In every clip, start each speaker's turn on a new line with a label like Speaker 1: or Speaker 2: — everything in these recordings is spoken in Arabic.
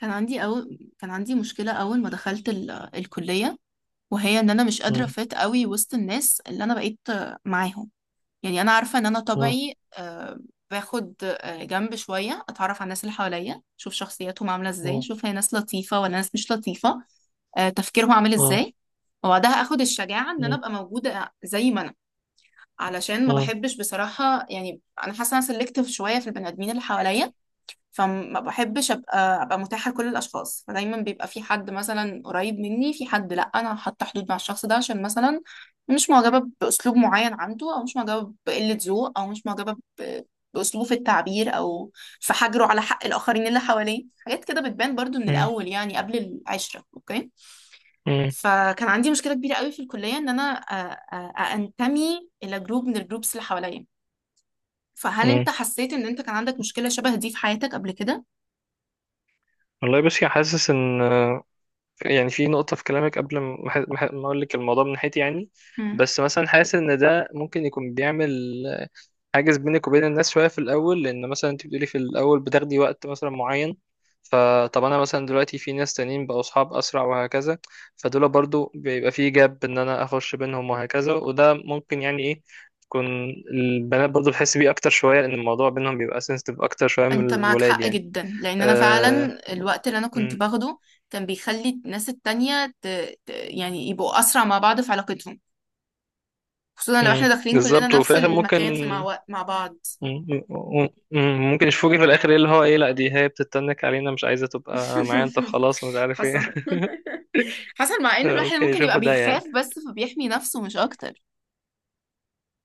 Speaker 1: كان عندي مشكلة أول ما دخلت الكلية، وهي إن أنا مش قادرة
Speaker 2: مم.
Speaker 1: أفيت قوي وسط الناس اللي أنا بقيت معاهم. يعني أنا عارفة إن أنا
Speaker 2: مم.
Speaker 1: طبعي، باخد جنب شوية أتعرف على الناس اللي حواليا، أشوف شخصياتهم عاملة إزاي،
Speaker 2: مم.
Speaker 1: أشوف هي ناس لطيفة ولا ناس مش لطيفة، تفكيرهم عامل
Speaker 2: مم.
Speaker 1: إزاي. وبعدها أخد الشجاعة إن أنا
Speaker 2: مم.
Speaker 1: أبقى موجودة زي ما أنا. علشان ما بحبش بصراحة، يعني أنا حاسة أنا سلكتيف شوية في البني آدمين اللي حواليا، فما بحبش ابقى متاحه لكل الاشخاص. فدايما بيبقى في حد مثلا قريب مني، في حد لا انا حاطه حدود مع الشخص ده، عشان مثلا مش معجبه باسلوب معين عنده، او مش معجبه بقله ذوق، او مش معجبه باسلوبه في التعبير، او في حجره على حق الاخرين اللي حواليه. حاجات كده بتبان برضو من
Speaker 2: مم.
Speaker 1: الاول، يعني قبل العشره، اوكي؟
Speaker 2: مم.
Speaker 1: فكان عندي مشكله كبيره قوي في الكليه، ان انا انتمي الى جروب من الجروبس اللي حواليا. فهل انت
Speaker 2: مم.
Speaker 1: حسيت ان انت كان عندك مشكله شبه دي في حياتك قبل كده؟
Speaker 2: والله بصي حاسس ان يعني في نقطة في كلامك قبل ما اقول لك الموضوع من ناحيتي يعني. بس مثلا حاسس ان ده ممكن يكون بيعمل حاجز بينك وبين الناس شوية في الأول، لأن مثلا أنت بتقولي في الأول بتاخدي وقت مثلا معين. فطب أنا مثلا دلوقتي في ناس تانيين بقوا أصحاب أسرع وهكذا، فدول برضو بيبقى في جاب إن أنا أخش بينهم وهكذا، وده ممكن يعني إيه تكون البنات برضو بتحس بيه أكتر شوية، لأن الموضوع بينهم بيبقى سنسيتيف أكتر شوية من
Speaker 1: انت معك
Speaker 2: الولاد
Speaker 1: حق
Speaker 2: يعني.
Speaker 1: جدا، لان انا
Speaker 2: أه...
Speaker 1: فعلا الوقت اللي انا كنت
Speaker 2: مم.
Speaker 1: باخده كان بيخلي الناس التانية يعني يبقوا اسرع مع بعض في علاقتهم، خصوصا لو احنا
Speaker 2: مم.
Speaker 1: داخلين كلنا
Speaker 2: بالظبط. وفي
Speaker 1: نفس
Speaker 2: الآخر ممكن
Speaker 1: المكان في مع بعض.
Speaker 2: مم. مم. ممكن يشوفوكي في الآخر إيه اللي هو إيه، لأ دي هي بتتنك علينا، مش عايزة تبقى معايا، أنت خلاص، مش عارف إيه.
Speaker 1: حصل حصل مع ان الواحد
Speaker 2: ممكن
Speaker 1: ممكن يبقى
Speaker 2: يشوفوا ده
Speaker 1: بيخاف،
Speaker 2: يعني.
Speaker 1: بس فبيحمي نفسه مش اكتر.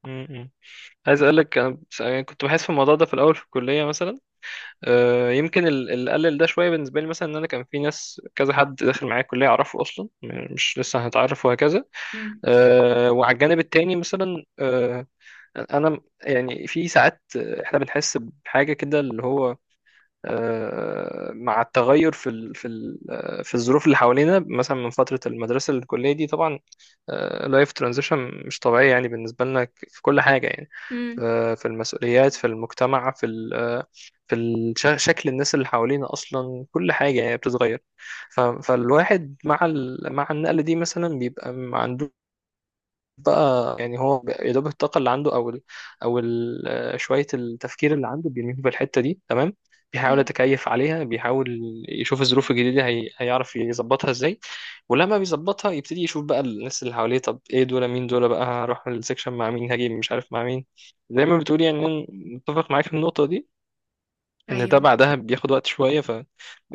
Speaker 2: م- م. عايز اقول لك انا، يعني كنت بحس في الموضوع ده في الاول في الكليه مثلا. يمكن اللي قلل ده شويه بالنسبه لي مثلا ان انا كان في ناس، كذا حد داخل معايا الكليه اعرفه اصلا، مش لسه هنتعرف وهكذا.
Speaker 1: امم
Speaker 2: وعلى الجانب التاني مثلا، انا يعني في ساعات احنا بنحس بحاجه كده اللي هو، مع التغير في ال في ال آه، في الظروف اللي حوالينا مثلا من فترة المدرسة للكلية. دي طبعا لايف ترانزيشن مش طبيعية يعني بالنسبة لنا، في كل حاجة يعني. في المسؤوليات، في المجتمع، في ال آه، في شكل الناس اللي حوالينا أصلا. كل حاجة يعني بتتغير. فالواحد مع مع النقلة دي مثلا بيبقى ما عندوش بقى يعني، هو يا دوب الطاقة اللي عنده أو ال أو ال آه، شوية التفكير اللي عنده بيرميه في الحتة دي، تمام. بيحاول
Speaker 1: امم
Speaker 2: يتكيف عليها، بيحاول يشوف الظروف الجديدة هي هيعرف يظبطها ازاي، ولما بيظبطها يبتدي يشوف بقى الناس اللي حواليه، طب ايه دول؟ مين دول بقى؟ هروح السكشن مع مين؟ هاجي مش عارف مع مين؟ زي ما بتقولي يعني. أنا متفق معاك في النقطة دي، ان ده
Speaker 1: ايوه،
Speaker 2: بعدها بياخد وقت شوية، فبقى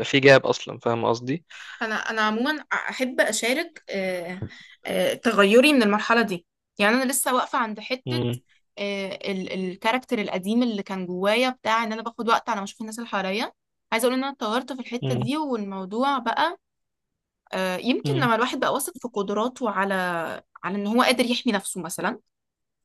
Speaker 2: في جاب اصلا، فاهم قصدي.
Speaker 1: انا عموما احب اشارك، تغيري من المرحله دي. يعني انا لسه واقفه عند حته
Speaker 2: مم،
Speaker 1: الكاركتر القديم اللي كان جوايا، بتاع ان انا باخد وقت على ما اشوف الناس اللي حواليا. عايزه اقول ان انا اتطورت في الحته
Speaker 2: مم،
Speaker 1: دي، والموضوع بقى يمكن
Speaker 2: مم،
Speaker 1: لما الواحد بقى واثق في قدراته، على ان هو قادر يحمي نفسه مثلا.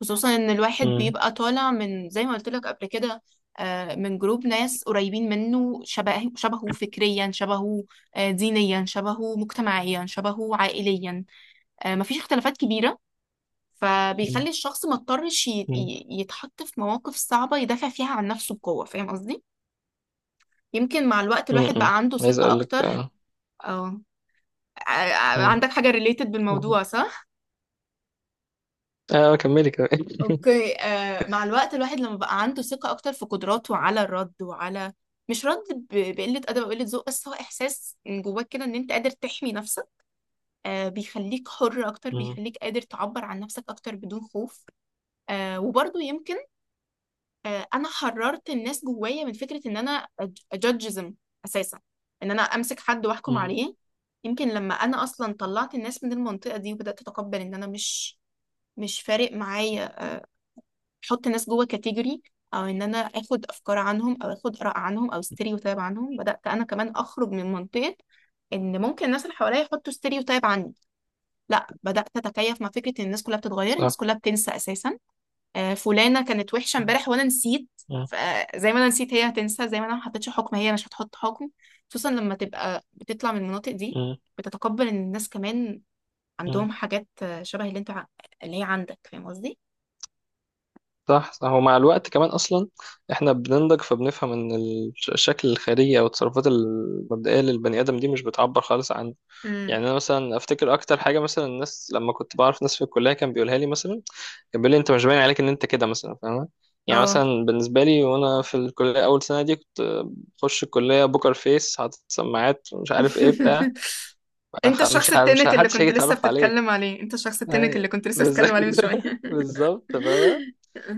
Speaker 1: خصوصا ان الواحد
Speaker 2: مم،
Speaker 1: بيبقى طالع من زي ما قلت لك قبل كده، من جروب ناس قريبين منه، شبه شبهه فكريا، شبهه دينيا، شبهه مجتمعيا، شبهه عائليا، مفيش اختلافات كبيرة.
Speaker 2: مم،
Speaker 1: فبيخلي الشخص ما اضطرش يتحط في مواقف صعبة يدافع فيها عن نفسه بقوة، فاهم قصدي؟ يمكن مع الوقت
Speaker 2: مم،
Speaker 1: الواحد
Speaker 2: مم.
Speaker 1: بقى عنده
Speaker 2: عايز
Speaker 1: ثقة
Speaker 2: اقول لك
Speaker 1: أكتر. اه ع-
Speaker 2: آه،
Speaker 1: عندك حاجة ريليتد
Speaker 2: مم.
Speaker 1: بالموضوع، صح؟
Speaker 2: اه كملي كمان.
Speaker 1: اوكي، مع الوقت الواحد لما بقى عنده ثقة اكتر في قدراته على الرد وعلى، مش رد بقلة أدب أو قلة ذوق، بس هو إحساس من جواك كده إن أنت قادر تحمي نفسك. بيخليك حر أكتر،
Speaker 2: مم.
Speaker 1: بيخليك قادر تعبر عن نفسك أكتر بدون خوف. وبرضه يمكن أنا حررت الناس جوايا من فكرة إن أنا أجادجزم أساسا، إن أنا أمسك حد وأحكم
Speaker 2: مم.
Speaker 1: عليه. يمكن لما أنا أصلا طلعت الناس من المنطقة دي، وبدأت أتقبل إن أنا مش فارق معايا احط ناس جوه كاتيجوري، او ان انا اخد افكار عنهم، او اخد اراء عنهم، او ستيريوتايب عنهم، بدات انا كمان اخرج من منطقه ان ممكن الناس اللي حواليا يحطوا ستيريوتايب عني. لا، بدات اتكيف مع فكره ان الناس كلها بتتغير، الناس
Speaker 2: صح.
Speaker 1: كلها بتنسى اساسا. فلانه كانت وحشه
Speaker 2: مم.
Speaker 1: امبارح وانا نسيت،
Speaker 2: مم.
Speaker 1: فزي ما انا نسيت هي هتنسى، زي ما انا ما حطيتش حكم هي مش هتحط حكم، خصوصا لما تبقى بتطلع من المناطق دي،
Speaker 2: مم.
Speaker 1: بتتقبل ان الناس كمان
Speaker 2: مم.
Speaker 1: عندهم حاجات شبه اللي هي عندك، فاهم قصدي؟
Speaker 2: صح صح. ومع الوقت كمان اصلا احنا بننضج، فبنفهم ان الشكل الخارجي او التصرفات المبدئيه للبني ادم دي مش بتعبر خالص عن،
Speaker 1: امم،
Speaker 2: يعني انا مثلا افتكر اكتر حاجه مثلا الناس لما كنت بعرف ناس في الكليه كان بيقولها لي مثلا، كان بيقول لي انت مش باين عليك ان انت كده مثلا، فاهم؟ يعني
Speaker 1: اه.
Speaker 2: مثلا بالنسبه لي وانا في الكليه اول سنه دي، كنت بخش الكليه بوكر فيس، حاطط سماعات، مش عارف ايه بتاع.
Speaker 1: انت
Speaker 2: خ-
Speaker 1: الشخص
Speaker 2: مش ه- مش ه-
Speaker 1: التنك اللي
Speaker 2: محدش هيجي
Speaker 1: كنت لسه
Speaker 2: يتعرف عليك.
Speaker 1: بتتكلم عليه، انت الشخص التنك
Speaker 2: أي-
Speaker 1: اللي كنت لسه
Speaker 2: بز-
Speaker 1: بتتكلم عليه من شوية.
Speaker 2: بالظبط فاهمة.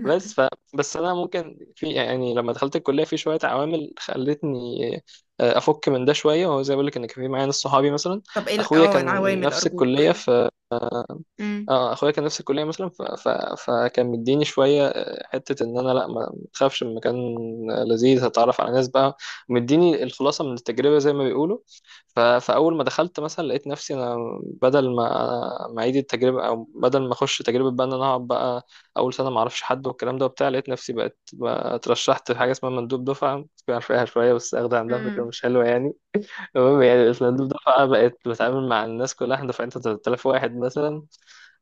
Speaker 2: بس ف بس أنا ممكن في يعني، لما دخلت الكلية في شوية عوامل خلتني أفك من ده شوية، وهو زي ما بقول لك إن كان في معايا ناس صحابي مثلا.
Speaker 1: طب ايه
Speaker 2: أخويا كان
Speaker 1: العوامل
Speaker 2: نفس
Speaker 1: ارجوك؟
Speaker 2: الكلية في،
Speaker 1: مم.
Speaker 2: اه اخويا كان نفس الكليه مثلا، فكان مديني شويه حته ان انا لا، ما تخافش، المكان لذيذ، هتعرف على ناس بقى. مديني الخلاصه من التجربه زي ما بيقولوا. فاول ما دخلت مثلا لقيت نفسي انا، بدل ما اعيد التجربه، او بدل ما اخش تجربه بقى، ان انا اقعد بقى اول سنه ما اعرفش حد والكلام ده وبتاع، لقيت نفسي بقت بقى اترشحت في حاجه اسمها مندوب دفعه، مش عارف ايه شويه، بس اخد عندها فكره
Speaker 1: مم.
Speaker 2: مش حلوه يعني. المهم، يعني الأسلانديب دفعة بقت بتعامل مع الناس كلها، احنا دفعتنا 3000 واحد مثلا.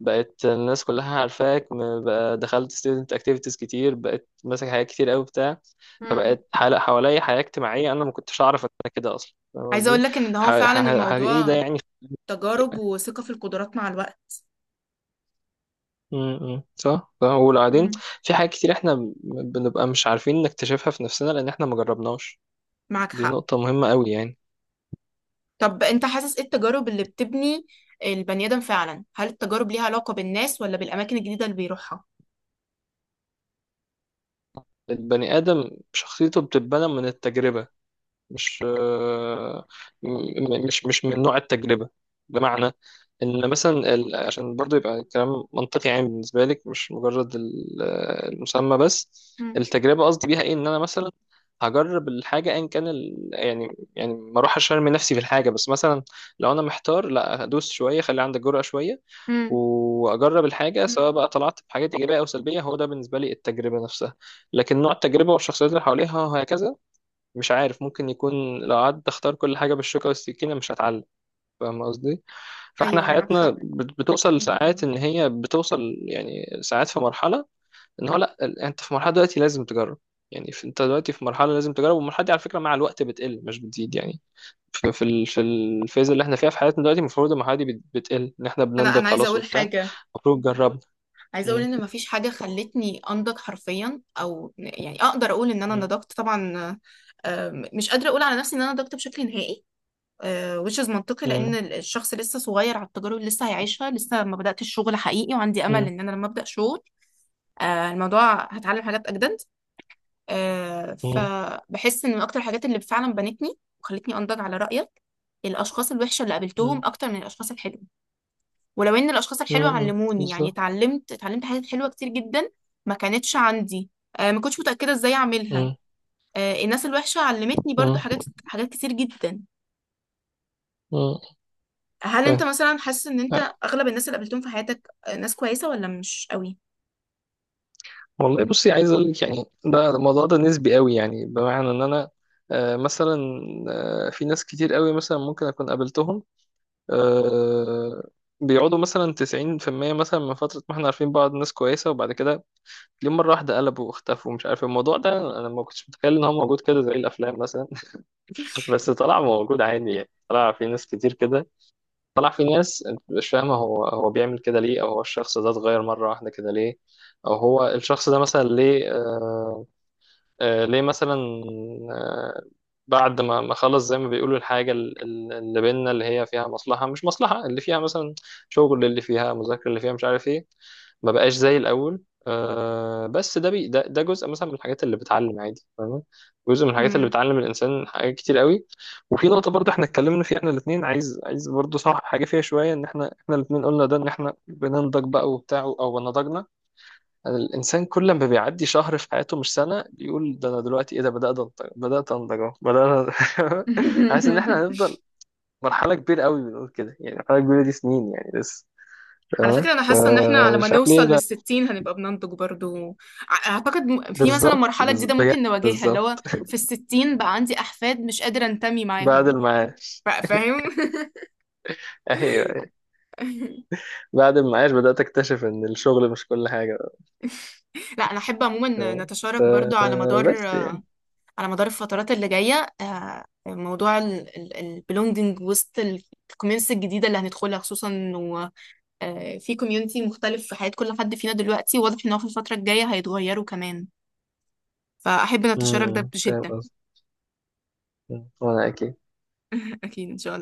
Speaker 2: بقت الناس كلها عارفاك، بقى دخلت student activities كتير، بقت ماسك حاجات كتير قوي بتاع.
Speaker 1: مم.
Speaker 2: فبقت حواليا حياة اجتماعية، أنا ما كنتش أعرف إن أنا كده أصلا، فاهم
Speaker 1: عايزة اقول
Speaker 2: قصدي؟
Speaker 1: لك ان ده هو فعلا
Speaker 2: إيه ده
Speaker 1: الموضوع،
Speaker 2: يعني؟
Speaker 1: تجارب وثقة في القدرات مع الوقت.
Speaker 2: م- م. صح صح. وبعدين
Speaker 1: مم.
Speaker 2: في حاجات كتير احنا بنبقى مش عارفين نكتشفها في نفسنا لأن احنا ما جربناش.
Speaker 1: معك
Speaker 2: دي
Speaker 1: حق.
Speaker 2: نقطة مهمة قوي يعني.
Speaker 1: طب انت حاسس ايه التجارب اللي بتبني البني ادم فعلا؟ هل التجارب ليها علاقة بالناس ولا بالاماكن الجديدة اللي بيروحها؟
Speaker 2: البني آدم شخصيته بتتبنى من التجربة، مش آه، م- مش مش من نوع التجربة. بمعنى إن مثلا عشان برضو يبقى الكلام منطقي عام بالنسبة لك، مش مجرد المسمى بس.
Speaker 1: مم.
Speaker 2: التجربة قصدي بيها إيه؟ إن أنا مثلا هجرب الحاجة أيا كان يعني، ما أروح أشرمي نفسي في الحاجة، بس مثلا لو أنا محتار لا، هدوس شوية، خلي عندك جرأة شوية
Speaker 1: مم.
Speaker 2: واجرب الحاجه، سواء بقى طلعت بحاجات ايجابيه او سلبيه، هو ده بالنسبه لي التجربه نفسها. لكن نوع التجربه والشخصيات اللي حواليها وهكذا مش عارف، ممكن يكون لو قعدت اختار كل حاجة بالشوكة والسكينة مش هتعلم، فاهم قصدي. فاحنا
Speaker 1: ايوه، معك
Speaker 2: حياتنا
Speaker 1: حق.
Speaker 2: بتوصل ساعات، ان هي بتوصل يعني ساعات في مرحلة ان هو لا، انت في مرحلة دلوقتي لازم تجرب. يعني انت دلوقتي في مرحلة لازم تجرب، والمرحلة دي على فكرة مع الوقت بتقل مش بتزيد يعني. في في الفيز اللي احنا فيها في حياتنا دلوقتي، المفروض المرحلة دي بتقل ان احنا
Speaker 1: انا
Speaker 2: بننضج
Speaker 1: انا عايزة
Speaker 2: خلاص
Speaker 1: اقول
Speaker 2: وبتاع.
Speaker 1: حاجة.
Speaker 2: المفروض جربنا.
Speaker 1: عايزه اقول
Speaker 2: م-
Speaker 1: ان مفيش حاجه خلتني انضج حرفيا، او يعني اقدر اقول ان انا
Speaker 2: م-
Speaker 1: نضجت طبعا. مش قادره اقول على نفسي ان انا نضجت بشكل نهائي. Which is منطقي، لان
Speaker 2: م-
Speaker 1: ال- الشخص لسه صغير على التجارب اللي لسه هيعيشها، لسه ما بداتش الشغل حقيقي، وعندي امل
Speaker 2: م-
Speaker 1: ان انا لما ابدا شغل، الموضوع هتعلم حاجات اجدد.
Speaker 2: م-
Speaker 1: فبحس ان من اكتر الحاجات اللي فعلا بنتني وخلتني انضج، على رايك، الاشخاص الوحشه اللي قابلتهم
Speaker 2: م-
Speaker 1: اكتر من الاشخاص الحلوه. ولو ان الاشخاص الحلوه
Speaker 2: م-
Speaker 1: علموني، يعني
Speaker 2: بالظبط.
Speaker 1: اتعلمت حاجات حلوه كتير جدا ما كانتش عندي، ما كنتش متاكده ازاي اعملها.
Speaker 2: م-
Speaker 1: الناس الوحشه علمتني برضو
Speaker 2: م-
Speaker 1: حاجات، حاجات كتير جدا.
Speaker 2: م-
Speaker 1: هل انت
Speaker 2: فاهم.
Speaker 1: مثلا حاسس ان انت اغلب الناس اللي قابلتهم في حياتك ناس كويسه ولا مش قوي؟
Speaker 2: والله بصي عايز اقول لك يعني، ده الموضوع ده نسبي قوي، يعني بمعنى ان انا مثلا في ناس كتير قوي مثلا ممكن اكون قابلتهم، آه، بيقعدوا مثلا 90% مثلا من فترة ما احنا عارفين بعض، ناس كويسة، وبعد كده ليه مرة واحدة قلبوا واختفوا، مش عارف إيه. الموضوع ده انا ما كنتش متخيل ان هو موجود كده زي الافلام مثلا. بس طلع موجود عادي يعني، طلع في ناس كتير كده، طلع في ناس انت مش فاهمة هو بيعمل كده ليه، او هو الشخص ده اتغير مرة واحدة كده ليه، او هو الشخص ده مثلا ليه، ليه مثلا، آه، بعد ما خلص زي ما بيقولوا الحاجة اللي بينا، اللي هي فيها مصلحة مش مصلحة، اللي فيها مثلا شغل، اللي فيها مذاكرة، اللي فيها مش عارف ايه، ما بقاش زي الأول. بس ده ده جزء مثلا من الحاجات اللي بتعلم عادي، فاهم. جزء من الحاجات اللي
Speaker 1: مم.
Speaker 2: بتعلم الإنسان حاجات كتير قوي. وفي نقطة برضه احنا اتكلمنا فيها احنا الاتنين، عايز برضه، صح حاجة فيها شوية ان احنا الاتنين قلنا ده، ان احنا بننضج بقى وبتاع او نضجنا. الإنسان كل ما بيعدي شهر في حياته مش سنة، يقول ده، أنا دلوقتي إيه ده؟ بدأت أنضج، بدأت أنضج، أهو بدأنا. حاسس إن إحنا هنفضل مرحلة كبيرة قوي بنقول كده، يعني مرحلة كبيرة دي سنين يعني لسه،
Speaker 1: على
Speaker 2: تمام.
Speaker 1: فكرة، أنا حاسة إن إحنا على ما
Speaker 2: فمش عارف
Speaker 1: نوصل
Speaker 2: ليه لا.
Speaker 1: للستين هنبقى بننضج برضو. أعتقد في مثلا
Speaker 2: بالظبط،
Speaker 1: مرحلة جديدة
Speaker 2: بجد،
Speaker 1: ممكن نواجهها، اللي
Speaker 2: بالظبط.
Speaker 1: هو في الستين بقى عندي أحفاد مش قادرة أنتمي
Speaker 2: بعد
Speaker 1: معاهم،
Speaker 2: المعاش.
Speaker 1: فاهم؟
Speaker 2: أيوه أيوه. بعد المعاش بدأت أكتشف إن الشغل مش كل حاجة.
Speaker 1: لا، انا احب
Speaker 2: ف...
Speaker 1: عموما
Speaker 2: ف...
Speaker 1: نتشارك برضو، على مدار
Speaker 2: بس يعني
Speaker 1: على مدار الفترات اللي جايه، موضوع البلونجنج وسط الكوميونتي الجديده اللي هندخلها، خصوصا انه في كوميونتي مختلف في حياه كل حد فينا دلوقتي، واضح ان هو في الفتره الجايه هيتغيروا كمان. فاحب نتشارك ده
Speaker 2: فاهم
Speaker 1: بشده.
Speaker 2: قصدي. مم. وأنا أكيد.
Speaker 1: اكيد ان شاء الله.